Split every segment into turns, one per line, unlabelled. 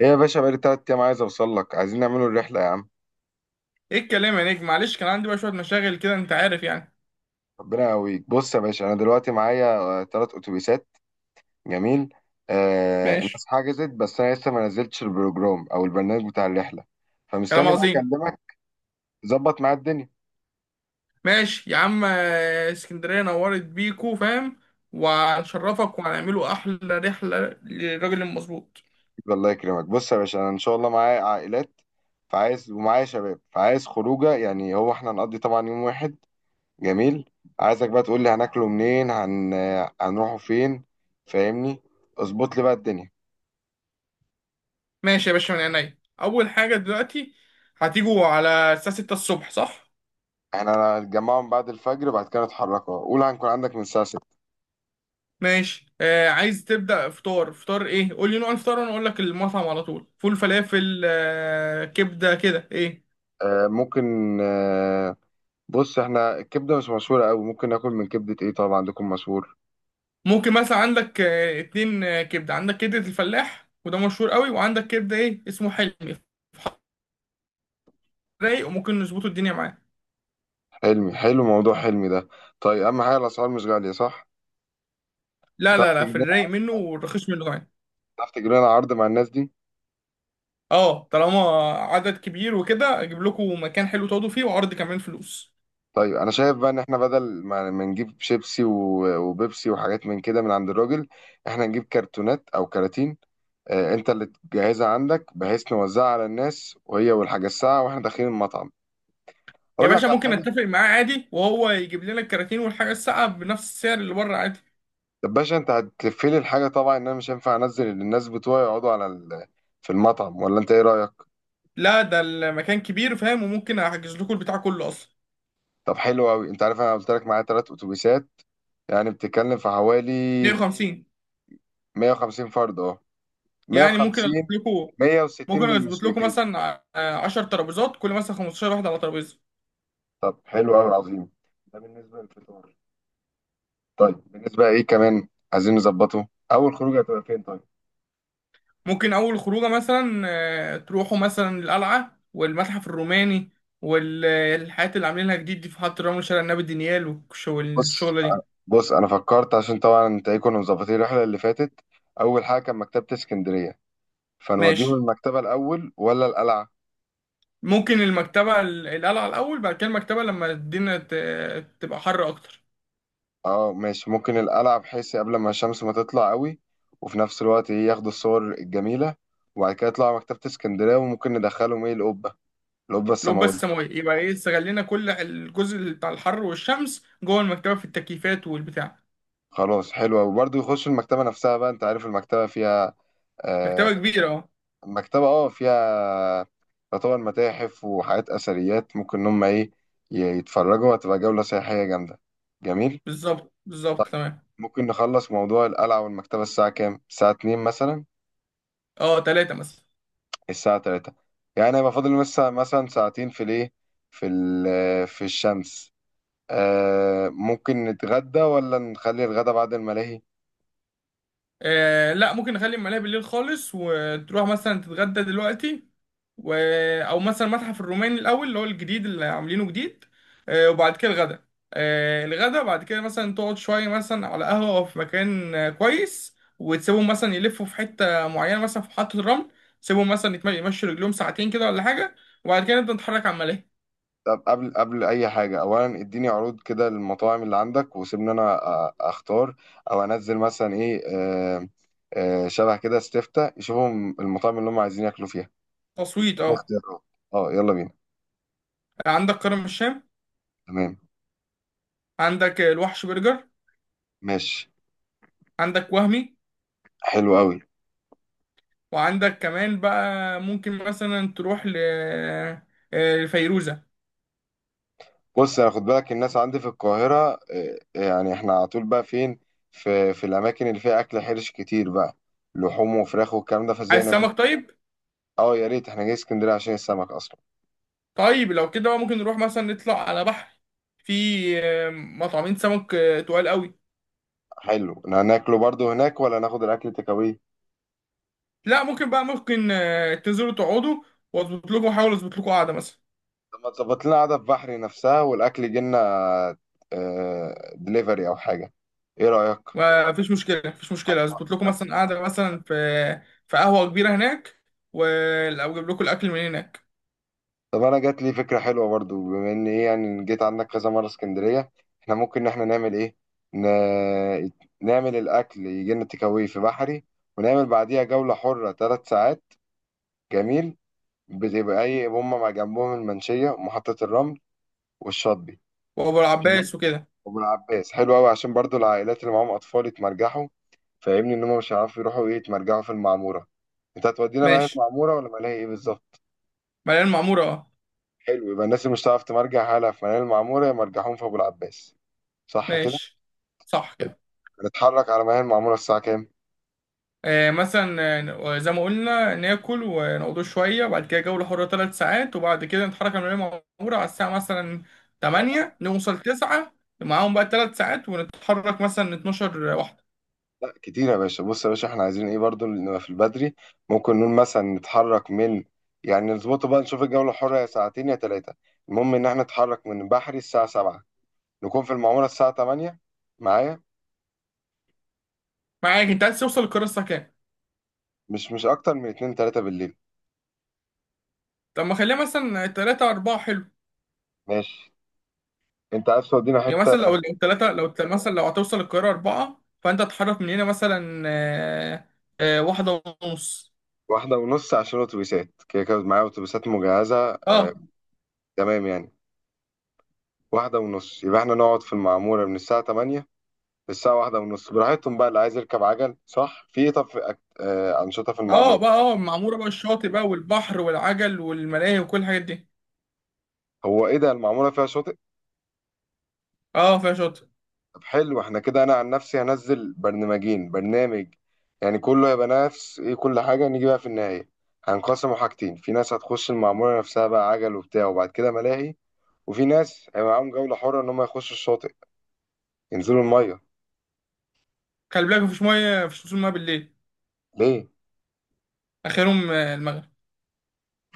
ايه يا باشا، بقالي تلات أيام عايز أوصل لك، عايزين نعملوا الرحلة يا عم.
ايه الكلام يا نجم، معلش كان عندي بقى شويه مشاغل كده، انت عارف يعني.
ربنا يقويك. بص يا باشا، أنا دلوقتي معايا تلات أتوبيسات. جميل. آه،
ماشي.
الناس حجزت، بس أنا لسه ما نزلتش البروجرام أو البرنامج بتاع الرحلة،
كلام
فمستني بقى
عظيم.
أكلمك. ظبط معايا الدنيا.
ماشي يا عم. اسكندريه نورت بيكو، فاهم. وهنشرفك وهنعمله احلى رحله للراجل المظبوط.
الله يكرمك. بص يا باشا، أنا إن شاء الله معايا عائلات، فعايز، ومعايا شباب فعايز خروجة، يعني هو إحنا هنقضي طبعا يوم واحد. جميل. عايزك بقى تقول لي هناكله منين، هنروحوا فين. فاهمني. اظبط لي بقى الدنيا.
ماشي يا باشا، من عينيا. اول حاجه دلوقتي هتيجوا على الساعه 6 الصبح، صح؟
احنا هنتجمعهم بعد الفجر، بعد كده نتحركوا، قول هنكون عندك من الساعة 6.
ماشي. عايز تبدا فطار؟ فطار ايه؟ قول لي نوع الفطار وانا اقول لك المطعم على طول. فول، فلافل، كبده، كده ايه؟
آه ممكن آه. بص، احنا الكبدة مش مشهورة قوي، ممكن ناكل من كبدة ايه، طبعا عندكم مشهور
ممكن مثلا عندك اتنين، كبده. عندك كبده الفلاح وده مشهور قوي، وعندك كبده ايه اسمه، حلمي رايق، وممكن نظبطه الدنيا معاه.
حلمي. حلو موضوع حلمي ده. طيب، اهم حاجة الاسعار مش غالية صح؟
لا
هتعرف
لا لا،
تجيب
في الرايق
لنا
منه والرخيص منه كمان.
هتعرف تجيب لنا عرض مع الناس دي.
اه طالما عدد كبير وكده، اجيب لكم مكان حلو تقعدوا فيه وعرض كمان فلوس.
طيب انا شايف بقى ان احنا بدل ما نجيب شيبسي وبيبسي وحاجات من كده من عند الراجل، احنا نجيب كرتونات او كراتين. آه، انت اللي تجهزها عندك، بحيث نوزعها على الناس وهي والحاجة الساعة واحنا داخلين المطعم.
يا
اقول لك
باشا
على
ممكن
حاجة.
اتفق معاه عادي وهو يجيب لنا الكراتين والحاجه الساقعه بنفس السعر اللي بره عادي.
طب باشا، انت هتقفلي الحاجه طبعا، ان انا مش هينفع انزل اللي الناس بتوعي يقعدوا على في المطعم، ولا انت ايه رايك؟
لا، ده المكان كبير فاهم، وممكن احجز لكم البتاع كله اصلا.
طب حلو قوي. انت عارف انا قلت لك معايا ثلاث اتوبيسات، يعني بتتكلم في حوالي
150.
150 فرد، اه،
يعني ممكن اجيب
150،
لكم،
160
ممكن اظبط لكم
بالمشرفين.
مثلا 10 ترابيزات، كل مثلا 15 واحد على ترابيزه.
طب حلو قوي عظيم. ده بالنسبه للفطار. طيب بالنسبه ايه كمان، عايزين نظبطه، اول خروجه هتبقى فين طيب؟
ممكن اول خروجه مثلا تروحوا مثلا القلعه والمتحف الروماني والحاجات اللي عاملينها جديد دي في محطه رمل، شارع النبي دانيال،
بص
والشغله دي.
بص انا فكرت عشان طبعا انت ايه، كنا مظبطين الرحله اللي فاتت، اول حاجه كان مكتبه اسكندريه، فنوديهم
ماشي.
المكتبة الأول ولا القلعة؟
ممكن المكتبه القلعه الاول، بعد كده المكتبه لما الدنيا تبقى حر اكتر.
اه ماشي، ممكن القلعة بحيث قبل ما الشمس ما تطلع قوي، وفي نفس الوقت ايه ياخدوا الصور الجميلة، وبعد كده يطلعوا مكتبة اسكندرية، وممكن ندخلهم ايه القبة، القبة
لو
السماوية.
بس ما يبقى ايه، استغلينا كل الجزء بتاع الحر والشمس جوه المكتبه في التكييفات والبتاع.
خلاص حلوة، وبرضه يخشوا المكتبة نفسها بقى. انت عارف المكتبة فيها آه،
مكتبه كبيره.
المكتبة اه فيها، يعتبر متاحف وحاجات أثريات، ممكن إن هم ايه يتفرجوا، هتبقى جولة سياحية جامدة. جميل؟
بالظبط بالظبط،
طيب،
تمام.
ممكن نخلص موضوع القلعة والمكتبة الساعة كام؟ الساعة 2 مثلا،
اه تلاتة مثلا.
الساعة 3، يعني هيبقى فاضل لسه مثلا ساعتين في الايه، في في الشمس. آه، ممكن نتغدى ولا نخلي الغدا بعد الملاهي؟
آه لا، ممكن نخلي الملاهي بالليل خالص، وتروح مثلا تتغدى دلوقتي. و... آه، او مثلا متحف الروماني الاول اللي هو الجديد اللي عاملينه جديد، آه. وبعد كده الغدا. آه، الغدا بعد كده مثلا تقعد شوية مثلا على قهوة أو في مكان كويس، وتسيبهم مثلا يلفوا في حتة معينة مثلا في محطة الرمل. تسيبهم مثلا يمشوا رجلهم ساعتين كده ولا حاجة. وبعد كده نبدأ نتحرك على الملاهي.
طب قبل اي حاجة، اولا اديني عروض كده للمطاعم اللي عندك، وسيبني انا اختار، او انزل مثلا ايه آه، آه، شبه كده استفتاء يشوفهم المطاعم اللي هم عايزين ياكلوا فيها،
تصويت، اه.
اختيارات. اه يلا بينا.
عندك كرم الشام.
تمام.
عندك الوحش برجر.
ماشي.
عندك وهمي.
حلو قوي.
وعندك كمان بقى، ممكن مثلا تروح ل فيروزة.
بص، انا خد بالك الناس عندي في القاهرة، آه، آه، يعني احنا على طول بقى فين؟ في الاماكن اللي فيها اكل حرش كتير بقى، لحوم وفراخ والكلام ده،
عايز
فزينا بيه.
سمك؟ طيب.
اه يا ريت، احنا جاي اسكندرية عشان السمك اصلا.
طيب لو كده بقى، ممكن نروح مثلا نطلع على بحر. في مطعمين سمك تقال قوي.
حلو، إن هناكله برضو هناك ولا ناخد الاكل تكاوي؟
لا، ممكن بقى، ممكن تنزلوا تقعدوا، واظبط لكم، احاول اظبط لكم قعده مثلا.
طب ما تظبط لنا قعدة في بحري نفسها والاكل يجي لنا دليفري او حاجة، ايه رأيك؟
ما فيش مشكله مفيش مشكله، اظبط لكم مثلا قعده مثلا في، في قهوه كبيره هناك، و- او اجيب لكم الاكل من هناك.
طب انا جات لي فكره حلوه برضو، بما ان ايه، يعني جيت عندك كذا مره اسكندريه، احنا ممكن ان احنا نعمل ايه، ن... نعمل الاكل يجي لنا تيك أواي في بحري، ونعمل بعديها جوله حره ثلاث ساعات. جميل. بتبقى ايه هم مع جنبهم المنشيه ومحطه الرمل والشاطبي.
وابو
جميل.
العباس وكده.
وابو العباس حلو قوي عشان برضو العائلات اللي معاهم اطفال يتمرجحوا. فاهمني، ان هم مش هيعرفوا يروحوا ايه يتمرجحوا في المعموره. انت هتودينا بقى في
ماشي.
المعموره ولا ملاهي ايه بالظبط؟
مليان معموره، اه.
حلو، يبقى الناس اللي مش هتعرف تمرجح حالها في ملاهي المعموره يمرجحون في ابو العباس، صح كده؟
ماشي. صح كده.
هنتحرك على ما هي المعموره الساعه كام؟
مثلا، زي ما قلنا، ناكل ونقعدوا شوية، وبعد كده جولة حرة ثلاث ساعات، وبعد كده نتحرك من المدينة المعمورة على الساعة مثلا 8، نوصل 9. معاهم بقى ثلاث ساعات، ونتحرك مثلا 12 واحدة.
لا كتير يا باشا. بص يا باشا، احنا عايزين ايه برضو نبقى في البدري. ممكن نقول مثلا نتحرك من، يعني نظبطه بقى، نشوف الجولة الحرة يا ساعتين يا ثلاثة، المهم ان احنا نتحرك من بحري الساعة 7، نكون في المعمورة الساعة 8. معايا؟
معاك. انت عايز توصل القاهرة الساعة كام؟
مش اكتر من 2، 3 بالليل.
طب ما خليها مثلا 3، 4، حلو.
ماشي. انت عايز تودينا
يعني
حتة.
مثلا، لو 3، مثلا لو هتوصل القاهرة 4، فانت تتحرك من هنا مثلا واحدة ونص.
واحدة ونص عشان الاتوبيسات كده كده معايا اتوبيسات مجهزة، اه.
اه.
تمام يعني، واحدة ونص يبقى احنا نقعد في المعمورة من الساعة 8 الساعة واحدة ونص براحتهم بقى، اللي عايز يركب عجل صح في ايه. طب في أك... آه أنشطة في
اه
المعمورة.
بقى، اه المعمورة بقى الشاطئ بقى، والبحر والعجل والملاهي وكل الحاجات دي.
هو ايه ده، المعمورة فيها شاطئ؟
اه فيها شاطئ.
طب حلو، احنا كده انا عن نفسي هنزل برنامجين، برنامج يعني كله هيبقى نفس ايه كل حاجة، نيجي بقى في النهاية هنقسموا حاجتين، في ناس هتخش المعمورة نفسها بقى عجل وبتاع وبعد كده ملاهي، وفي ناس هيبقى معاهم جولة حرة ان هم يخشوا الشاطئ، ينزلوا المية.
خلي بالك مفيش ميه، مفيش وصول ميه بالليل.
ليه؟
اخرهم المغرب.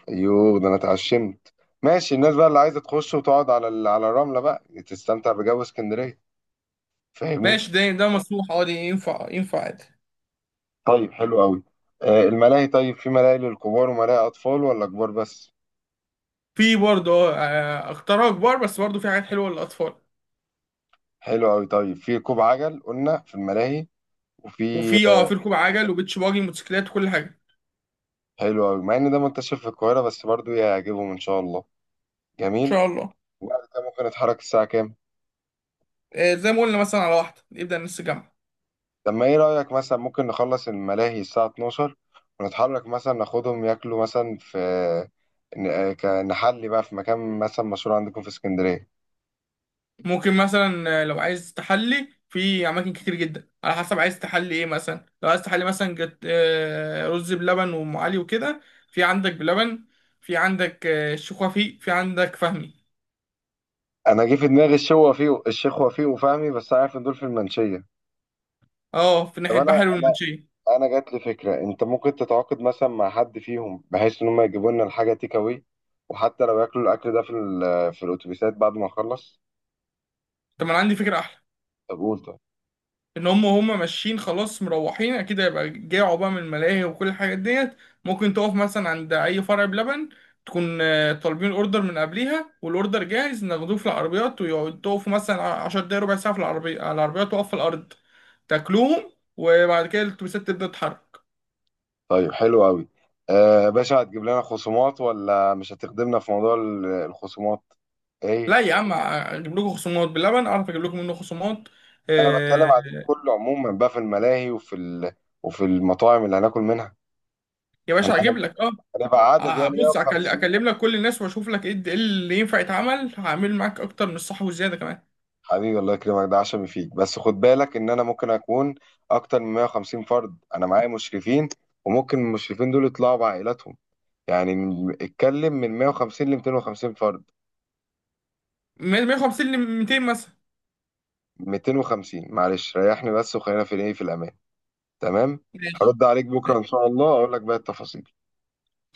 ايوه، ده انا اتعشمت. ماشي، الناس بقى اللي عايزة تخش وتقعد على على الرملة بقى تستمتع بجو اسكندرية. فاهمني.
ماشي. ده مسموح عادي، ينفع ينفع عادي.
طيب حلو قوي. آه، الملاهي، طيب في ملاهي للكبار وملاهي أطفال ولا كبار بس؟
في برضه اختراع كبار بس، برضه في حاجات حلوه للاطفال.
حلو قوي. طيب في ركوب عجل قلنا في الملاهي، وفي
وفي اه
آه،
في ركوب عجل وبيتش باجي موتوسيكلات وكل حاجه، ان
حلو قوي. مع ان ده منتشر في القاهرة بس برضو يعجبهم ان شاء الله. جميل.
شاء الله.
وبعد كده ممكن نتحرك الساعة كام؟
زي ما قلنا، مثلا على واحده نبدا نص جامعه.
طب ما ايه رأيك، مثلا ممكن نخلص الملاهي الساعة 12، ونتحرك مثلا ناخدهم ياكلوا مثلا في نحلي بقى في مكان مثلا مشهور عندكم في اسكندرية.
ممكن مثلا لو عايز تحلي في اماكن كتير جدا، على حسب عايز تحلي ايه. مثلا لو عايز تحلي مثلا جت رز بلبن وام علي وكده، في عندك بلبن، في عندك الشيخ وفيق، في عندك فهمي.
انا جه في دماغي الشيخ وفيق. وفهمي، بس عارف ان دول في المنشية.
اه في
طب
ناحية
انا،
بحري والمنشية.
انا جات لي فكره، انت ممكن تتعاقد مثلا مع حد فيهم بحيث ان هم يجيبوا لنا الحاجه تيك اواي، وحتى لو ياكلوا الاكل ده في في الاتوبيسات بعد ما اخلص.
طب ما انا عندي فكرة احلى.
طب قول طب.
ان هم ماشيين خلاص مروحين، اكيد هيبقى جاعوا بقى من الملاهي وكل الحاجات ديت. ممكن تقف مثلا عند اي فرع بلبن، تكون طالبين اوردر من قبليها، والاوردر جاهز ناخدوه في العربيات، ويقعدوا تقفوا مثلا 10 دقايق ربع ساعة في العربية، على العربيات واقف في الارض، تاكلوهم، وبعد كده الاتوبيسات تبدأ تتحرك.
طيب حلو قوي. آه باشا، هتجيب لنا خصومات ولا مش هتخدمنا في موضوع الخصومات ايه؟
لا يا عم، اجيب لكم خصومات. باللبن اعرف اجيب لكم منه خصومات،
انا بتكلم
آه،
على اليوم كله عموما بقى، في الملاهي وفي وفي المطاعم اللي هناكل منها.
يا باشا اجيب
هن-
لك
هنبقى عدد يعني
بص
150.
اكلم لك كل الناس واشوف لك ايه إيه اللي ينفع يتعمل. هعمل معاك اكتر من الصح والزياده كمان.
حبيبي الله يكرمك، ده عشمي فيك. بس خد بالك ان انا ممكن اكون اكتر من 150 فرد، انا معايا مشرفين، وممكن المشرفين دول يطلعوا بعائلاتهم، يعني اتكلم من 150 ل 250 فرد.
150 ل 200 مثلا.
250 معلش، ريحني بس، وخلينا في الايه، في الامان. تمام.
ماشي
هرد عليك بكره ان
ماشي.
شاء الله، اقول لك بقى التفاصيل.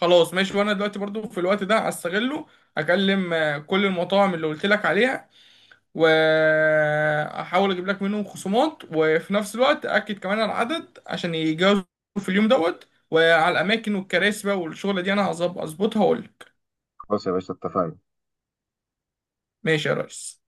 خلاص ماشي، وانا دلوقتي برضو في الوقت ده هستغله، اكلم كل المطاعم اللي قلت لك عليها، واحاول اجيب لك منهم خصومات، وفي نفس الوقت اكد كمان على العدد عشان يجازوا في اليوم دوت، وعلى الاماكن والكراسي بقى والشغله دي. انا هظبطها واقول لك.
خلاص يا باشا اتفقنا.
ماشي يا ريس.